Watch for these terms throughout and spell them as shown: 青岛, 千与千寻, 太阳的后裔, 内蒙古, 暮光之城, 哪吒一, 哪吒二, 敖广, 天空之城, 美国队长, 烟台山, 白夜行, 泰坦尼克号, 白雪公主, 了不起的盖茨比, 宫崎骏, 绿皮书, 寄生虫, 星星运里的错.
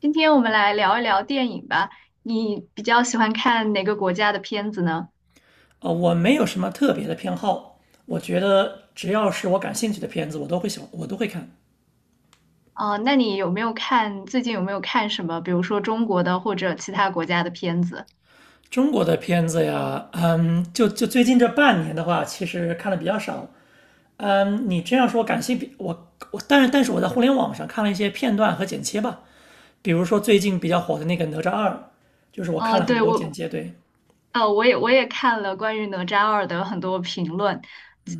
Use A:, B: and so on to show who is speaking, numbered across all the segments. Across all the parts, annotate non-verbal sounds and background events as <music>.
A: 今天我们来聊一聊电影吧。你比较喜欢看哪个国家的片子呢？
B: 我没有什么特别的偏好，我觉得只要是我感兴趣的片子，我都会喜欢，我都会看。
A: 啊、那你有没有看，最近有没有看什么，比如说中国的或者其他国家的片子？
B: 中国的片子呀，就最近这半年的话，其实看的比较少。你这样说感兴趣，但是我在互联网上看了一些片段和剪切吧，比如说最近比较火的那个《哪吒二》，就是我看
A: 嗯、
B: 了很
A: 对，
B: 多剪
A: 我，
B: 切。对，
A: 我也看了关于《哪吒二》的很多评论。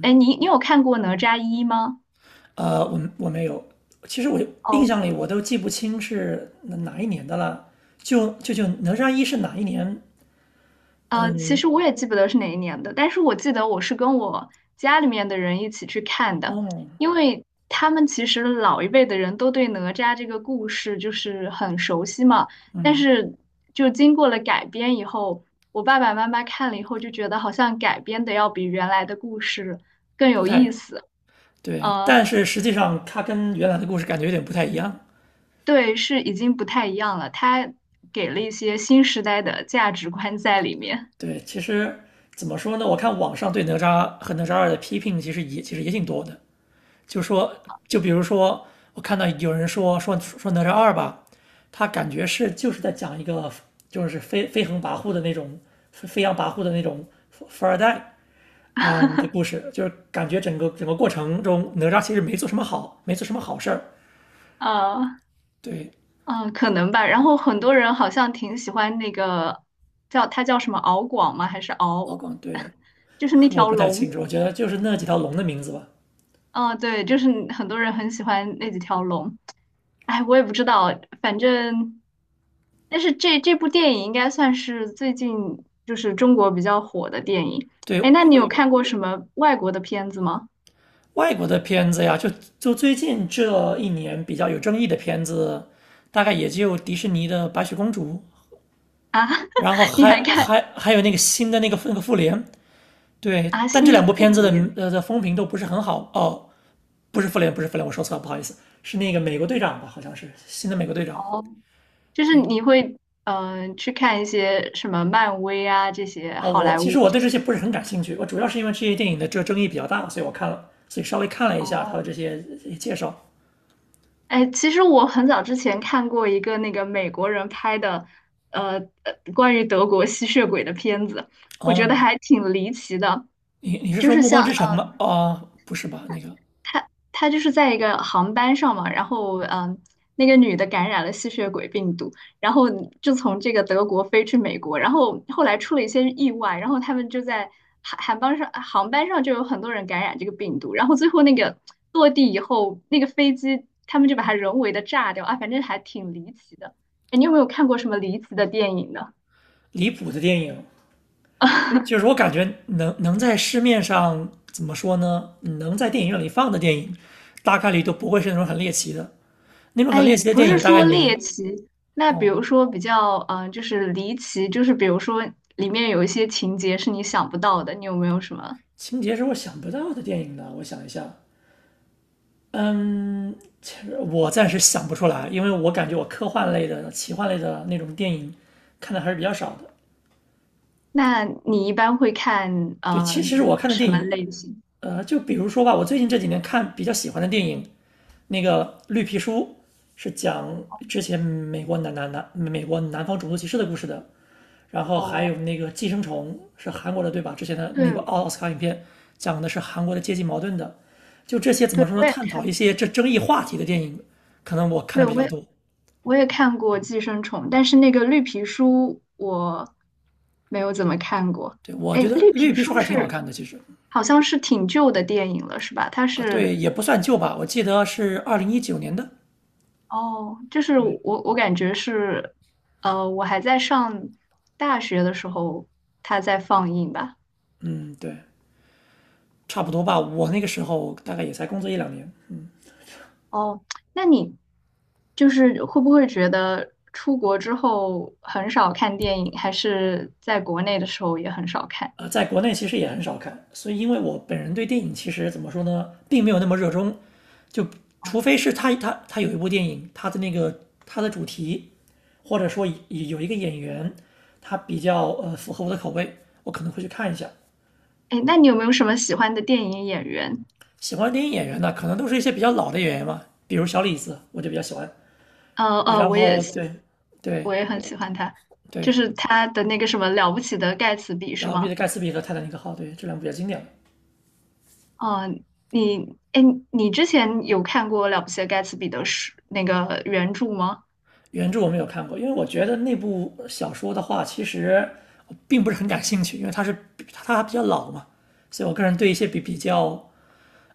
A: 哎，你有看过《哪吒一》吗？
B: 我没有，其实我印象
A: 哦。
B: 里我都记不清是哪一年的了。就哪吒一是哪一年？
A: 呃，其
B: 嗯，
A: 实我也记不得是哪一年的，但是我记得我是跟我家里面的人一起去看的，
B: 哦，
A: 因为他们其实老一辈的人都对哪吒这个故事就是很熟悉嘛，但是就经过了改编以后，我爸爸妈妈看了以后就觉得好像改编的要比原来的故事更
B: 不
A: 有
B: 太
A: 意思，
B: 对，
A: 呃，
B: 但是实际上它跟原来的故事感觉有点不太一样。
A: 对，是已经不太一样了，他给了一些新时代的价值观在里面，
B: 对，其实怎么说呢？我看网上对哪吒和哪吒二的批评其实也挺多的，就说就比如说我看到有人说哪吒二吧，他感觉就是在讲一个就是飞扬跋扈的那种富二代的故事，就是感觉整个过程中，哪吒其实没做什么好事儿。
A: 呃。
B: 对，
A: 嗯，可能吧。然后很多人好像挺喜欢那个叫它叫什么敖广吗？还是
B: 敖
A: 敖？
B: 广对，
A: <laughs> 就是那
B: 我
A: 条
B: 不太清
A: 龙。
B: 楚，我觉得就是那几条龙的名字吧。
A: 嗯，对，就是很多人很喜欢那几条龙。哎，我也不知道，反正，但是这部电影应该算是最近就是中国比较火的电影。哎，
B: 对，
A: 那
B: 因
A: 你有
B: 为
A: 看过什么外国的片子吗？
B: 外国的片子呀，就最近这一年比较有争议的片子，大概也就迪士尼的《白雪公主》，
A: 啊，<laughs>
B: 然后
A: 你
B: 还
A: 还看
B: 还还有那个新的那个复联。对，
A: 啊？
B: 但这
A: 新的
B: 两部
A: 复
B: 片子的
A: 联？
B: 呃的风评都不是很好哦，不是复联，不是复联，我说错了，不好意思，是那个美国队长吧，好像是新的美国队长。
A: 哦就是
B: 对
A: 你会嗯、呃去看一些什么漫威啊这些
B: 啊，
A: 好
B: 我
A: 莱
B: 其实
A: 坞
B: 我
A: 这
B: 对这些
A: 些。
B: 不是很感兴趣，我主要是因为这些电影的这个争议比较大，所以我看了，所以稍微看了一下他的
A: 哦，
B: 这些介绍。
A: 哎，其实我很早之前看过一个那个美国人拍的，呃，呃关于德国吸血鬼的片子，我觉得
B: 哦，
A: 还挺离奇的。
B: 你是
A: 就
B: 说
A: 是
B: 《暮光
A: 像
B: 之城》
A: 嗯、
B: 吗？
A: 呃
B: 哦，不是吧？那个
A: 他就是在一个航班上嘛，然后嗯，那个女的感染了吸血鬼病毒，然后就从这个德国飞去美国，然后后来出了一些意外，然后他们就在航班上就有很多人感染这个病毒，然后最后那个落地以后，那个飞机他们就把它人为的炸掉啊，反正还挺离奇的。哎，你有没有看过什么离奇的电影呢？
B: 离谱的电影，就就
A: <laughs>
B: 是我感觉能在市面上怎么说呢？能在电影院里放的电影，大概率都不会是那种很猎奇的。那种很
A: 哎，
B: 猎奇的
A: 不
B: 电
A: 是
B: 影，大概
A: 说
B: 你
A: 猎奇，那比
B: 哦，
A: 如说比较，嗯、就是离奇，就是比如说里面有一些情节是你想不到的，你有没有什么？
B: 情节是我想不到的电影呢。我想一下，嗯，其实我暂时想不出来，因为我感觉我科幻类的、奇幻类的那种电影看的还是比较少的。
A: 那你一般会看，
B: 对，其实
A: 嗯、
B: 我看的
A: 什
B: 电
A: 么
B: 影，
A: 类型？
B: 就比如说吧，我最近这几年看比较喜欢的电影，那个绿皮书是讲之前美国南方种族歧视的故事的，然后还
A: 哦，
B: 有那个寄生虫是韩国的对吧？之前的那部
A: 对，
B: 奥斯卡影片讲的是韩国的阶级矛盾的，就这些怎
A: 对，
B: 么说呢？
A: 我也，
B: 探讨一些这争议话题的电影，可能我看
A: 对，
B: 的比
A: 我
B: 较
A: 也，
B: 多。
A: 看过《寄生虫》，但是那个绿皮书没有怎么看过。
B: 对，我
A: 哎，
B: 觉得
A: 绿
B: 绿
A: 皮
B: 皮书
A: 书
B: 还是挺好
A: 是
B: 看的，其实
A: 好像是挺旧的电影了，是吧？它
B: 啊，对，
A: 是
B: 也不算旧吧，我记得是2019年的，
A: 哦，就是
B: 对，
A: 我感觉是，呃，我还在上大学的时候，它在放映吧。
B: 嗯，对，差不多吧，我那个时候大概也才工作一两年。
A: 哦，那你就是会不会觉得出国之后很少看电影，还是在国内的时候也很少看？
B: 在国内其实也很少看，所以因为我本人对电影其实怎么说呢，并没有那么热衷，就除非是他有一部电影，他的主题，或者说有一个演员，他比较符合我的口味，我可能会去看一下。
A: 哎，那你有没有什么喜欢的电影演员？
B: 喜欢的电影演员呢，可能都是一些比较老的演员嘛，比如小李子，我就比较喜欢。然
A: 我也
B: 后
A: 喜，
B: 对对
A: 我也很喜欢他，就
B: 对，
A: 是他的那个什么《了不起的盖茨比》
B: 然
A: 是
B: 后彼得
A: 吗？
B: 盖茨比和泰坦尼克号，对这两部比较经典。
A: 嗯，你，哎，你之前有看过《了不起的盖茨比》的书那个原著吗？
B: 原著我没有看过，因为我觉得那部小说的话，其实我并不是很感兴趣，因为它比较老嘛，所以我个人对一些比比较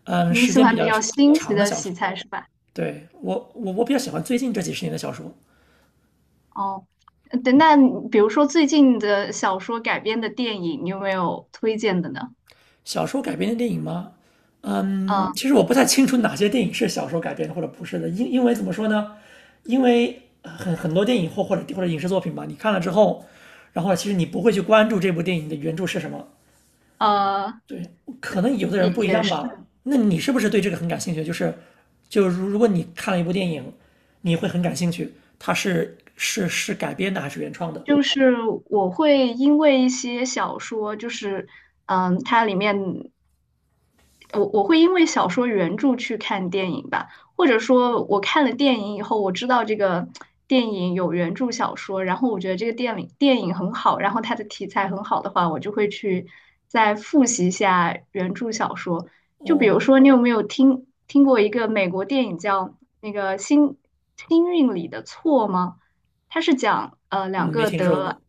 B: 嗯
A: 你
B: 时
A: 喜
B: 间比
A: 欢比
B: 较
A: 较新奇
B: 长的
A: 的
B: 小
A: 题
B: 说，
A: 材是吧？
B: 对我比较喜欢最近这几十年的小说。
A: 哦，呃对，那你比如说最近的小说改编的电影，你有没有推荐的呢？
B: 小说改编的电影吗？嗯，
A: 嗯，
B: 其实我不太清楚哪些电影是小说改编的或者不是的，因为怎么说呢？因为很多电影或者影视作品吧，你看了之后，然后其实你不会去关注这部电影的原著是什么，
A: 呃，
B: 对，可能有的
A: 也
B: 人不一
A: 也
B: 样
A: 是，
B: 吧。那你是不是对这个很感兴趣？就是，就如果你看了一部电影，你会很感兴趣，它是改编的还是原创的？
A: 就是我会因为一些小说，就是嗯，它里面我会因为小说原著去看电影吧，或者说我看了电影以后，我知道这个电影有原著小说，然后我觉得这个电影很好，然后它的题材很好的话，我就会去再复习一下原著小说。就比如
B: 哦，
A: 说，你有没有听过一个美国电影叫那个《星星运里的错》吗？它是讲两
B: 嗯没
A: 个
B: 听说
A: 得
B: 过。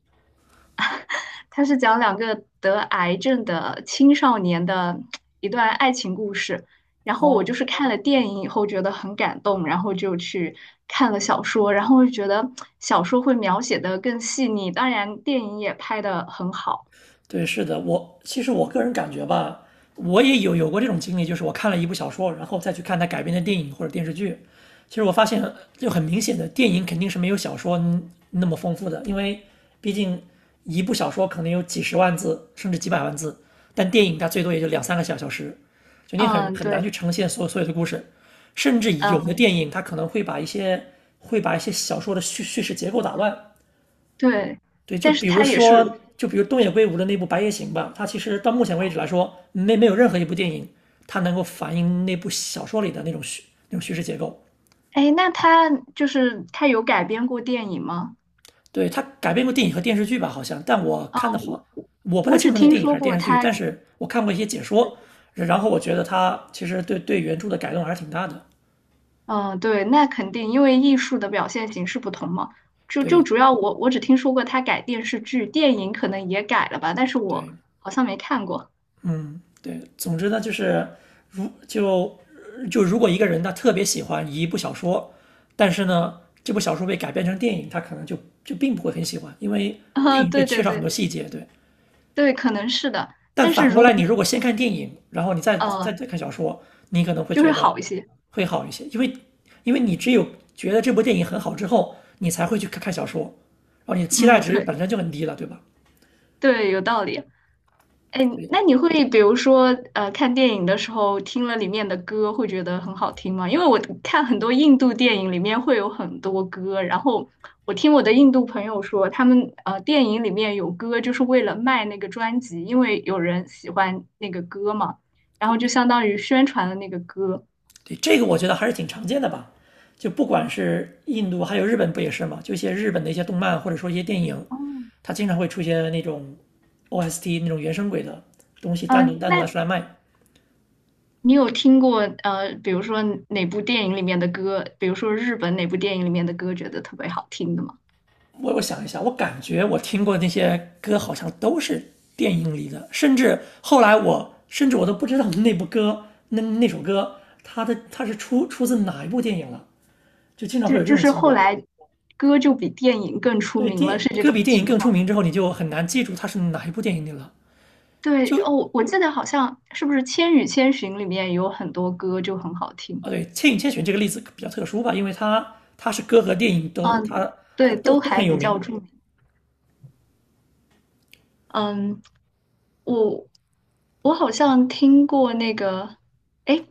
A: 它是讲两个得癌症的青少年的一段爱情故事。然后我就
B: 哦。
A: 是看了电影以后觉得很感动，然后就去看了小说，然后就觉得小说会描写的更细腻，当然电影也拍的很好。
B: 对，是的，我其实我个人感觉吧，我也有过这种经历，就是我看了一部小说，然后再去看它改编的电影或者电视剧，其实我发现就很明显的，电影肯定是没有小说那么丰富的，因为毕竟一部小说可能有几十万字甚至几百万字，但电影它最多也就两三个小时，就你很
A: 嗯，
B: 很难
A: 对，
B: 去呈现所有的故事，甚至有的
A: 嗯，
B: 电影它可能会把一些会把一些小说的叙事结构打乱。
A: 对，
B: 对，就
A: 但是
B: 比如
A: 它也是，
B: 说，就比如东野圭吾的那部《白夜行》吧，它其实到目前为止来说，没有任何一部电影它能够反映那部小说里的那种叙事结构。
A: 哎，那它就是它有改编过电影吗？
B: 对，它改编过电影和电视剧吧，好像，但我看的
A: 嗯，
B: 话，我不太
A: 我只
B: 清楚那
A: 听
B: 电影还
A: 说
B: 是
A: 过
B: 电视剧，但
A: 它，
B: 是我看过一些解说，然后我觉得它其实对原著的改动还是挺大的。
A: 嗯，对，那肯定，因为艺术的表现形式不同嘛。就就
B: 对
A: 主要我只听说过他改电视剧，电影可能也改了吧，但是我
B: 对，
A: 好像没看过。
B: 嗯，对，总之呢，就是如就就如果一个人他特别喜欢一部小说，但是呢，这部小说被改编成电影，他可能就并不会很喜欢，因为
A: <laughs>
B: 电
A: 啊、
B: 影会
A: 对
B: 缺
A: 对
B: 少很多
A: 对
B: 细节。对，
A: 对，可能是的。
B: 但
A: 但是
B: 反过
A: 如果
B: 来，你如
A: 你
B: 果先看电影，然后你再再
A: 呃，
B: 再看小说，你可能会
A: 就会
B: 觉得
A: 好一些。
B: 会好一些，因为你只有觉得这部电影很好之后，你才会去看看小说，然后你的期
A: 嗯，
B: 待值
A: 对
B: 本身就很低了，对吧？
A: 对，有道理。哎，
B: 所以
A: 那你会比如说，呃，看电影的时候听了里面的歌，会觉得很好听吗？因为我看很多印度电影里面会有很多歌，然后我听我的印度朋友说，他们呃电影里面有歌就是为了卖那个专辑，因为有人喜欢那个歌嘛，然后就相当于宣传了那个歌。
B: 对，这个我觉得还是挺常见的吧。就不管是印度，还有日本不也是吗？就一些日本的一些动漫或者说一些电影，
A: 哦，
B: 它经常会出现那种 OST 那种原声轨的东西
A: 呃，
B: 单独拿
A: 那
B: 出来卖。
A: 你有听过呃，比如说哪部电影里面的歌，比如说日本哪部电影里面的歌，觉得特别好听的吗？
B: 我想一下，我感觉我听过的那些歌好像都是电影里的，甚至后来我甚至我都不知道那首歌它是出自哪一部电影了，就经常会
A: 就
B: 有这
A: 就
B: 种
A: 是
B: 情
A: 后
B: 况。
A: 来歌就比电影更出
B: 对
A: 名了，是这
B: 歌
A: 种
B: 比电影
A: 情
B: 更
A: 况。
B: 出名之后，你就很难记住它是哪一部电影里了。
A: 对
B: 就
A: 哦，我记得好像是不是《千与千寻》里面有很多歌就很好听，
B: 哦，对，《千与千寻》这个例子比较特殊吧，因为它是歌和电影都
A: 嗯，
B: 它它
A: 对，
B: 都
A: 都
B: 都
A: 还
B: 很有
A: 比较
B: 名。
A: 著名。嗯，我我好像听过那个，哎，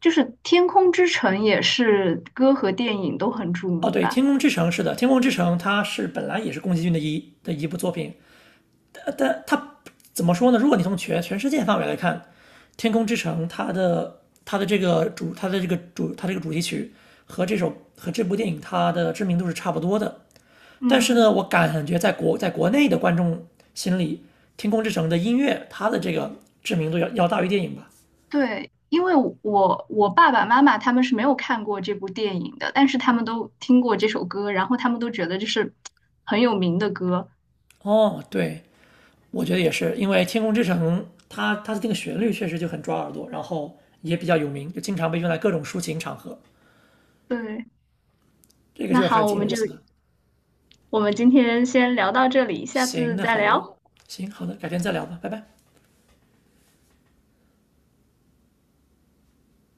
A: 就是《天空之城》也是歌和电影都很著
B: 哦，
A: 名
B: 对，
A: 吧？
B: 《天空之城》是的，《天空之城》它是本来也是宫崎骏的一部作品，但它怎么说呢？如果你从全世界范围来看，《天空之城》它这个主题曲和这部电影它的知名度是差不多的。但是呢，
A: 嗯。
B: 我感觉在国内的观众心里，《天空之城》的音乐它的这个知名度要大于电影吧。
A: 对，因为我爸爸妈妈他们是没有看过这部电影的，但是他们都听过这首歌，然后他们都觉得这是很有名的歌。
B: 哦，对，我觉得也是，因为《天空之城》它的这个旋律确实就很抓耳朵，然后也比较有名，就经常被用来各种抒情场合，
A: 对，
B: 这个
A: 那
B: 就是还是
A: 好，
B: 挺有意思的。
A: 我们今天先聊到这里，下
B: 行，
A: 次
B: 那
A: 再
B: 好的，
A: 聊。
B: 行好的，改天再聊吧，拜拜。